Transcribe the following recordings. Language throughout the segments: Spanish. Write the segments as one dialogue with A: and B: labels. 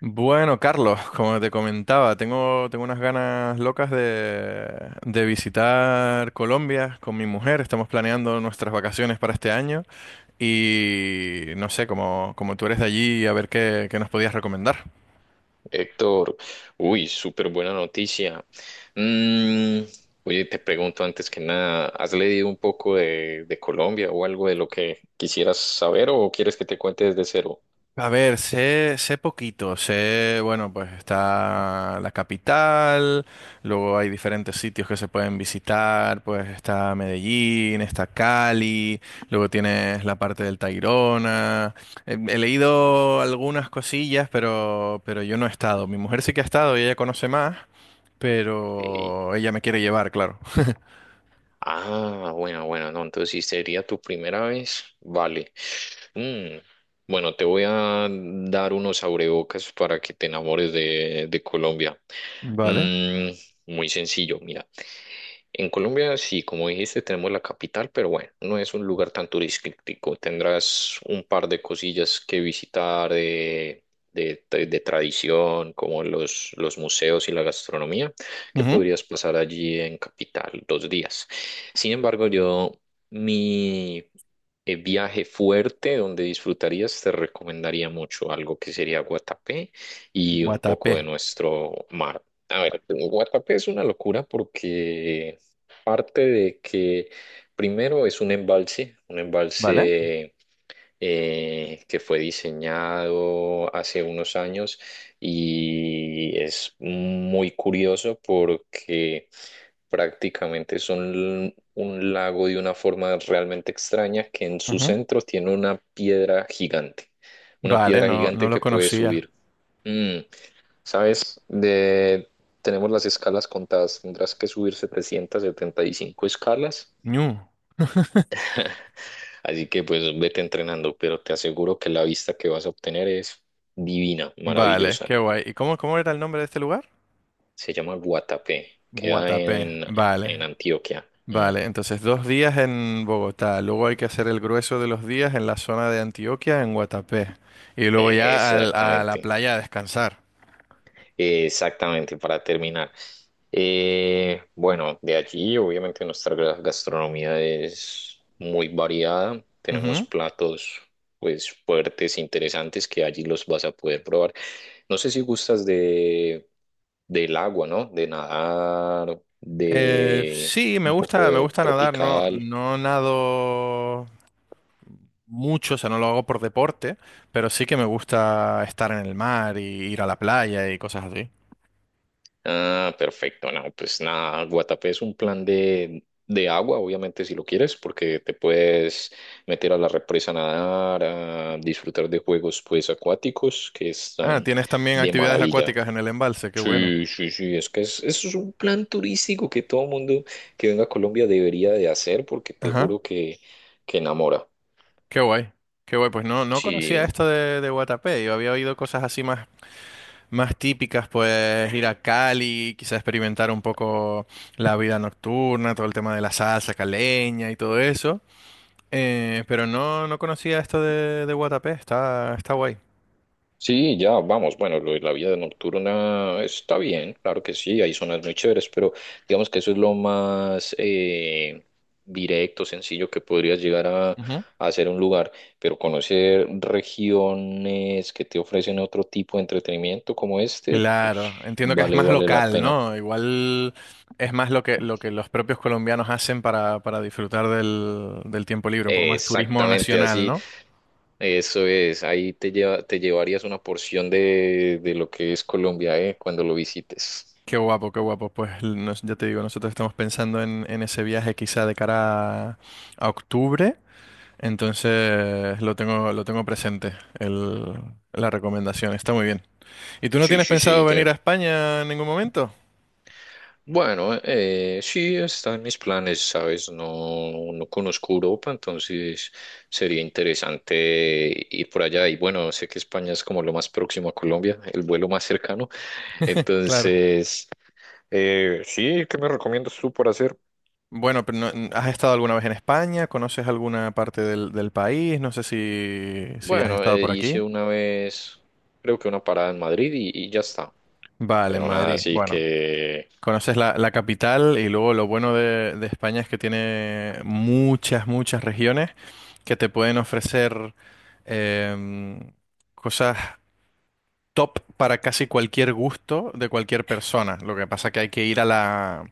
A: Bueno, Carlos, como te comentaba, tengo unas ganas locas de visitar Colombia con mi mujer. Estamos planeando nuestras vacaciones para este año y no sé, como tú eres de allí, a ver qué nos podías recomendar.
B: Héctor, uy, súper buena noticia. Mm, oye, te pregunto antes que nada, ¿has leído un poco de Colombia o algo de lo que quisieras saber o quieres que te cuente desde cero?
A: A ver, sé poquito, bueno, pues está la capital, luego hay diferentes sitios que se pueden visitar, pues está Medellín, está Cali, luego tienes la parte del Tayrona. He leído algunas cosillas, pero yo no he estado. Mi mujer sí que ha estado y ella conoce más,
B: Ok.
A: pero ella me quiere llevar, claro.
B: Ah, bueno, bueno, no, entonces si sería tu primera vez, vale. Mm, Bueno, te voy a dar unos abrebocas para que te enamores de Colombia.
A: Vale.
B: Mm, muy sencillo, mira. En Colombia, sí, como dijiste, tenemos la capital, pero bueno, no es un lugar tan turístico. Tendrás un par de cosillas que visitar de, de tradición, como los museos y la gastronomía que
A: Ujú.
B: podrías pasar allí en Capital 2 días. Sin embargo, yo mi viaje fuerte donde disfrutarías, te recomendaría mucho algo que sería Guatapé y un poco de
A: Guatapé.
B: nuestro mar. A ver, Guatapé es una locura porque parte de que primero es un embalse, un
A: Vale.
B: embalse eh, que fue diseñado hace unos años y es muy curioso porque prácticamente son un lago de una forma realmente extraña que en su
A: Ujú.
B: centro tiene una
A: Vale,
B: piedra
A: no, no
B: gigante
A: lo
B: que puede
A: conocía.
B: subir. Mm, ¿Sabes? Tenemos las escalas contadas, tendrás que subir 775 escalas,
A: Ñu.
B: así que pues vete entrenando, pero te aseguro que la vista que vas a obtener es divina,
A: Vale,
B: maravillosa.
A: qué guay. ¿Y cómo era el nombre de este lugar?
B: Se llama Guatapé, queda
A: Guatapé.
B: en
A: Vale,
B: Antioquia.
A: vale. Entonces, 2 días en Bogotá. Luego hay que hacer el grueso de los días en la zona de Antioquia, en Guatapé. Y luego ya a la
B: Exactamente,
A: playa a descansar.
B: exactamente, para terminar. Bueno, de allí obviamente nuestra gastronomía es muy variada. Tenemos
A: Ujú.
B: platos pues fuertes, interesantes, que allí los vas a poder probar. No sé si gustas del agua, ¿no? De nadar, de
A: Sí, me
B: un poco
A: gusta, me
B: de
A: gusta nadar. No,
B: tropical.
A: no nado mucho, o sea, no lo hago por deporte, pero sí que me gusta estar en el mar y ir a la playa y cosas así.
B: Ah, perfecto. No, pues nada, Guatapé es un plan de agua, obviamente, si lo quieres, porque te puedes meter a la represa a nadar, a disfrutar de juegos, pues, acuáticos que
A: Ah,
B: están
A: tienes también
B: de
A: actividades
B: maravilla.
A: acuáticas en el embalse, qué bueno.
B: Sí, sí, sí, es que eso es un plan turístico que todo mundo que venga a Colombia debería de hacer, porque te
A: Ajá.
B: juro que enamora.
A: Qué guay, qué guay. Pues no, no conocía
B: Sí.
A: esto de Guatapé. Yo había oído cosas así más típicas, pues ir a Cali, quizás experimentar un poco la vida nocturna, todo el tema de la salsa caleña y todo eso. Pero no, no conocía esto de Guatapé. Está guay.
B: Sí, ya, vamos. Bueno, lo de la vida nocturna está bien, claro que sí, hay zonas muy chéveres, pero digamos que eso es lo más directo, sencillo que podrías llegar a
A: Ujú.
B: hacer un lugar, pero conocer regiones que te ofrecen otro tipo de entretenimiento como este, pues,
A: Claro, entiendo que es
B: vale,
A: más
B: vale la
A: local,
B: pena.
A: ¿no? Igual es más lo que los propios colombianos hacen para disfrutar del tiempo libre, un poco más turismo
B: Exactamente
A: nacional,
B: así.
A: ¿no?
B: Eso es, ahí te llevarías una porción de lo que es Colombia, cuando lo visites.
A: Qué guapo, qué guapo. Pues ya te digo, nosotros estamos pensando en ese viaje quizá de cara a octubre, entonces lo tengo presente, el, la recomendación. Está muy bien. ¿Y tú no
B: Sí,
A: tienes
B: sí, sí.
A: pensado venir a España en ningún momento?
B: Bueno, sí está en mis planes, ¿sabes? No, no conozco Europa, entonces sería interesante ir por allá. Y bueno, sé que España es como lo más próximo a Colombia, el vuelo más cercano.
A: Claro.
B: Entonces, sí, ¿qué me recomiendas tú por hacer?
A: Bueno, pero ¿has estado alguna vez en España? ¿Conoces alguna parte del país? No sé si has
B: Bueno,
A: estado por
B: hice
A: aquí.
B: una vez, creo que una parada en Madrid y ya está.
A: Vale, en
B: Pero nada,
A: Madrid.
B: así
A: Bueno.
B: que.
A: Conoces la capital y luego lo bueno de España es que tiene muchas regiones que te pueden ofrecer em, cosas top para casi cualquier gusto de cualquier persona. Lo que pasa que hay que ir a la,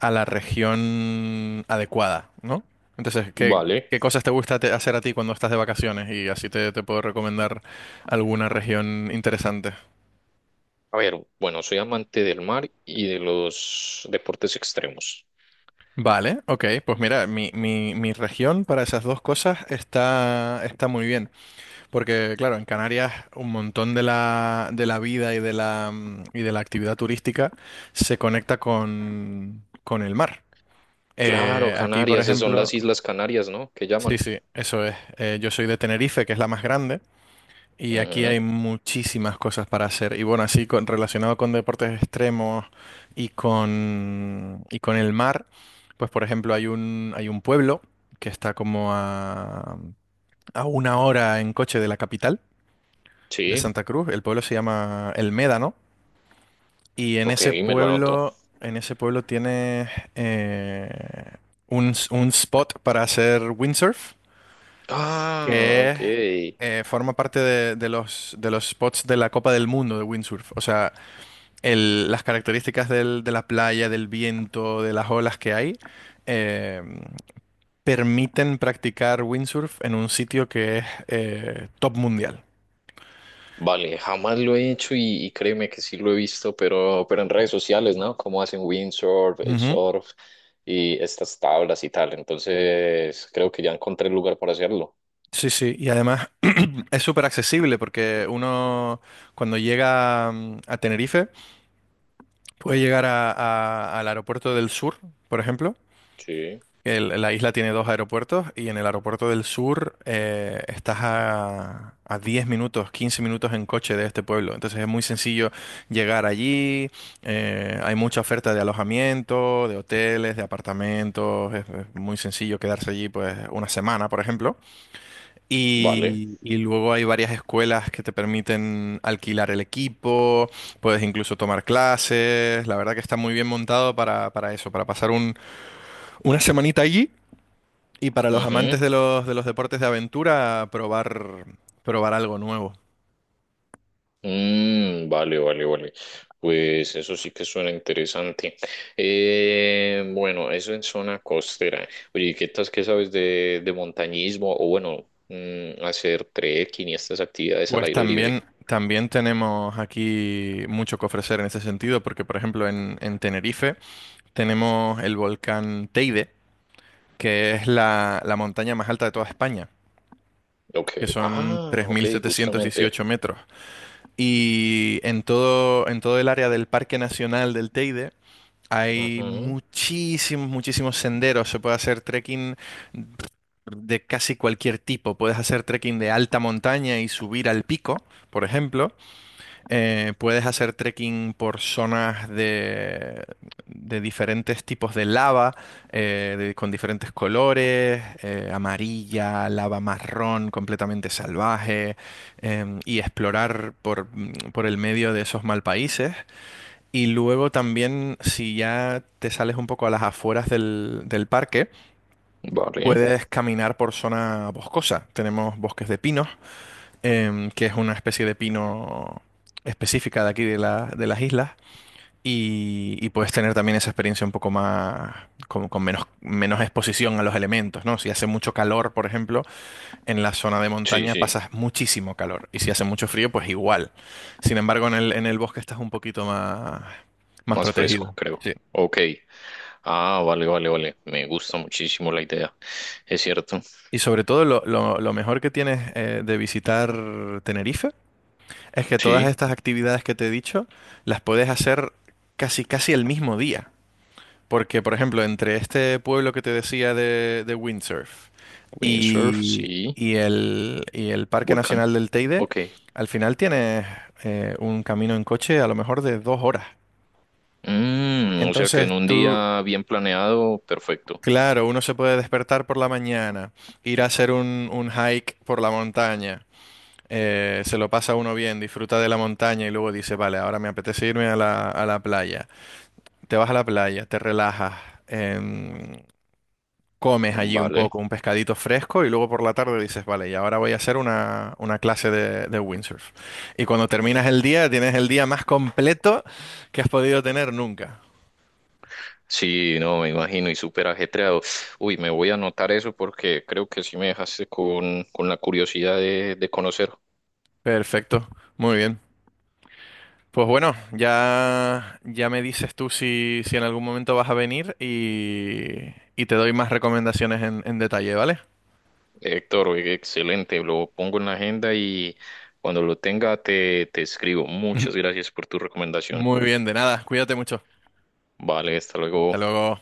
A: a la región adecuada, ¿no? Entonces, ¿qué,
B: Vale.
A: qué cosas te gusta hacer a ti cuando estás de vacaciones? Y así te puedo recomendar alguna región interesante.
B: A ver, bueno, soy amante del mar y de los deportes extremos.
A: Vale, ok, pues mira, mi región para esas dos cosas está muy bien, porque claro, en Canarias un montón de la vida y de la actividad turística se conecta con el mar.
B: Claro,
A: Aquí, por, claro,
B: Canarias, esas son
A: ejemplo,
B: las Islas Canarias, ¿no? Que
A: sí,
B: llaman.
A: sí, eso es, yo soy de Tenerife, que es la más grande, y aquí
B: Ujú,
A: hay muchísimas cosas para hacer. Y bueno, así relacionado con deportes extremos y con el mar, pues por ejemplo hay un pueblo que está como a una hora en coche de la capital, de
B: sí,
A: Santa Cruz. El pueblo se llama El Médano. Y en
B: ok,
A: ese
B: me lo anoto.
A: pueblo, en ese pueblo tiene eh, un spot para hacer windsurf.
B: Ah,
A: que es,
B: ok.
A: Forma parte de los spots de la Copa del Mundo de windsurf. O sea, las características de la playa, del viento, de las olas que hay, eh, permiten practicar windsurf en un sitio que es top mundial.
B: Vale, jamás lo he hecho y créeme que sí lo he visto, pero en redes sociales, ¿no? Como hacen windsurf, el
A: Ujú.
B: surf y estas tablas y tal. Entonces, creo que ya encontré el lugar para hacerlo.
A: Sí, sí, y además es súper accesible porque uno cuando llega a Tenerife puede llegar al aeropuerto del sur, por ejemplo.
B: Sí,
A: La isla tiene dos aeropuertos y en el aeropuerto del sur, estás a 10 minutos, 15 minutos en coche de este pueblo. Entonces es muy sencillo llegar allí. Hay mucha oferta de alojamiento, de hoteles, de apartamentos. Es muy sencillo quedarse allí pues una semana, por ejemplo.
B: vale.
A: Y luego hay varias escuelas que te permiten alquilar el equipo, puedes incluso tomar clases. La verdad que está muy bien montado para eso, para pasar una semanita allí y para los
B: Ujú.
A: amantes de los deportes de aventura, probar algo nuevo.
B: Mm, vale, vale, vale. Pues eso sí que suena interesante. Bueno, eso en zona costera. Oye, ¿y qué tal, qué sabes de montañismo? O bueno, hacer trekking y estas actividades al
A: Pues
B: aire libre.
A: también, también tenemos aquí mucho que ofrecer en ese sentido, porque por ejemplo en Tenerife tenemos el volcán Teide, que es la montaña más alta de toda España,
B: Ok.
A: que son
B: Ah,
A: tres
B: ok,
A: mil setecientos
B: justamente.
A: dieciocho metros. Y en todo el área del Parque Nacional del Teide hay
B: Ujú.
A: muchísimos, muchísimos senderos. Se puede hacer trekking de casi cualquier tipo. Puedes hacer trekking de alta montaña y subir al pico, por ejemplo. Puedes hacer trekking por zonas de diferentes tipos de lava, con diferentes colores, amarilla, lava marrón, completamente salvaje, y explorar por el medio de esos mal países. Y luego también, si ya te sales un poco a las afueras del parque,
B: Vale.
A: puedes caminar por zona boscosa. Tenemos bosques de pinos, que es una especie de pino específica de aquí de las islas. Y puedes tener también esa experiencia un poco más, con menos exposición a los elementos, ¿no? Si hace mucho calor, por ejemplo, en la zona de
B: Sí,
A: montaña
B: sí,
A: pasas muchísimo calor. Y si hace mucho frío, pues igual. Sin embargo, en el bosque estás un poquito más, más
B: más fresco,
A: protegido.
B: creo.
A: Sí.
B: Ok. Ah, vale, vale, vale. Me gusta muchísimo la idea. Es cierto.
A: Y sobre todo, lo mejor que tienes de visitar Tenerife es que todas
B: Sí,
A: estas actividades que te he dicho las puedes hacer casi casi el mismo día. Porque, por ejemplo, entre este pueblo que te decía de windsurf
B: windsurf,
A: y,
B: sí,
A: y el, y el Parque
B: volcán.
A: Nacional del Teide,
B: Ok.
A: al final tienes un camino en coche a lo mejor de 2 horas.
B: O sea que
A: Entonces
B: en un
A: tú,
B: día bien planeado, perfecto.
A: claro, uno se puede despertar por la mañana, ir a hacer un hike por la montaña, se lo pasa uno bien, disfruta de la montaña y luego dice, vale, ahora me apetece irme a la playa. Te vas a la playa, te relajas, em, comes allí un
B: Vale.
A: poco, un pescadito fresco y luego por la tarde dices, vale, y ahora voy a hacer una clase de windsurf. Y cuando terminas el día, tienes el día más completo que has podido tener nunca.
B: Sí, no, me imagino, y súper ajetreado. Uy, me voy a anotar eso porque creo que sí me dejaste con la curiosidad de conocer.
A: Perfecto, muy bien. Pues bueno, ya me dices tú si en algún momento vas a venir y te doy más recomendaciones en detalle, ¿vale?
B: Héctor, oye, excelente, lo pongo en la agenda y cuando lo tenga te escribo. Muchas gracias por tu recomendación.
A: Muy bien, de nada. Cuídate mucho.
B: Vale, hasta
A: Hasta
B: luego.
A: luego.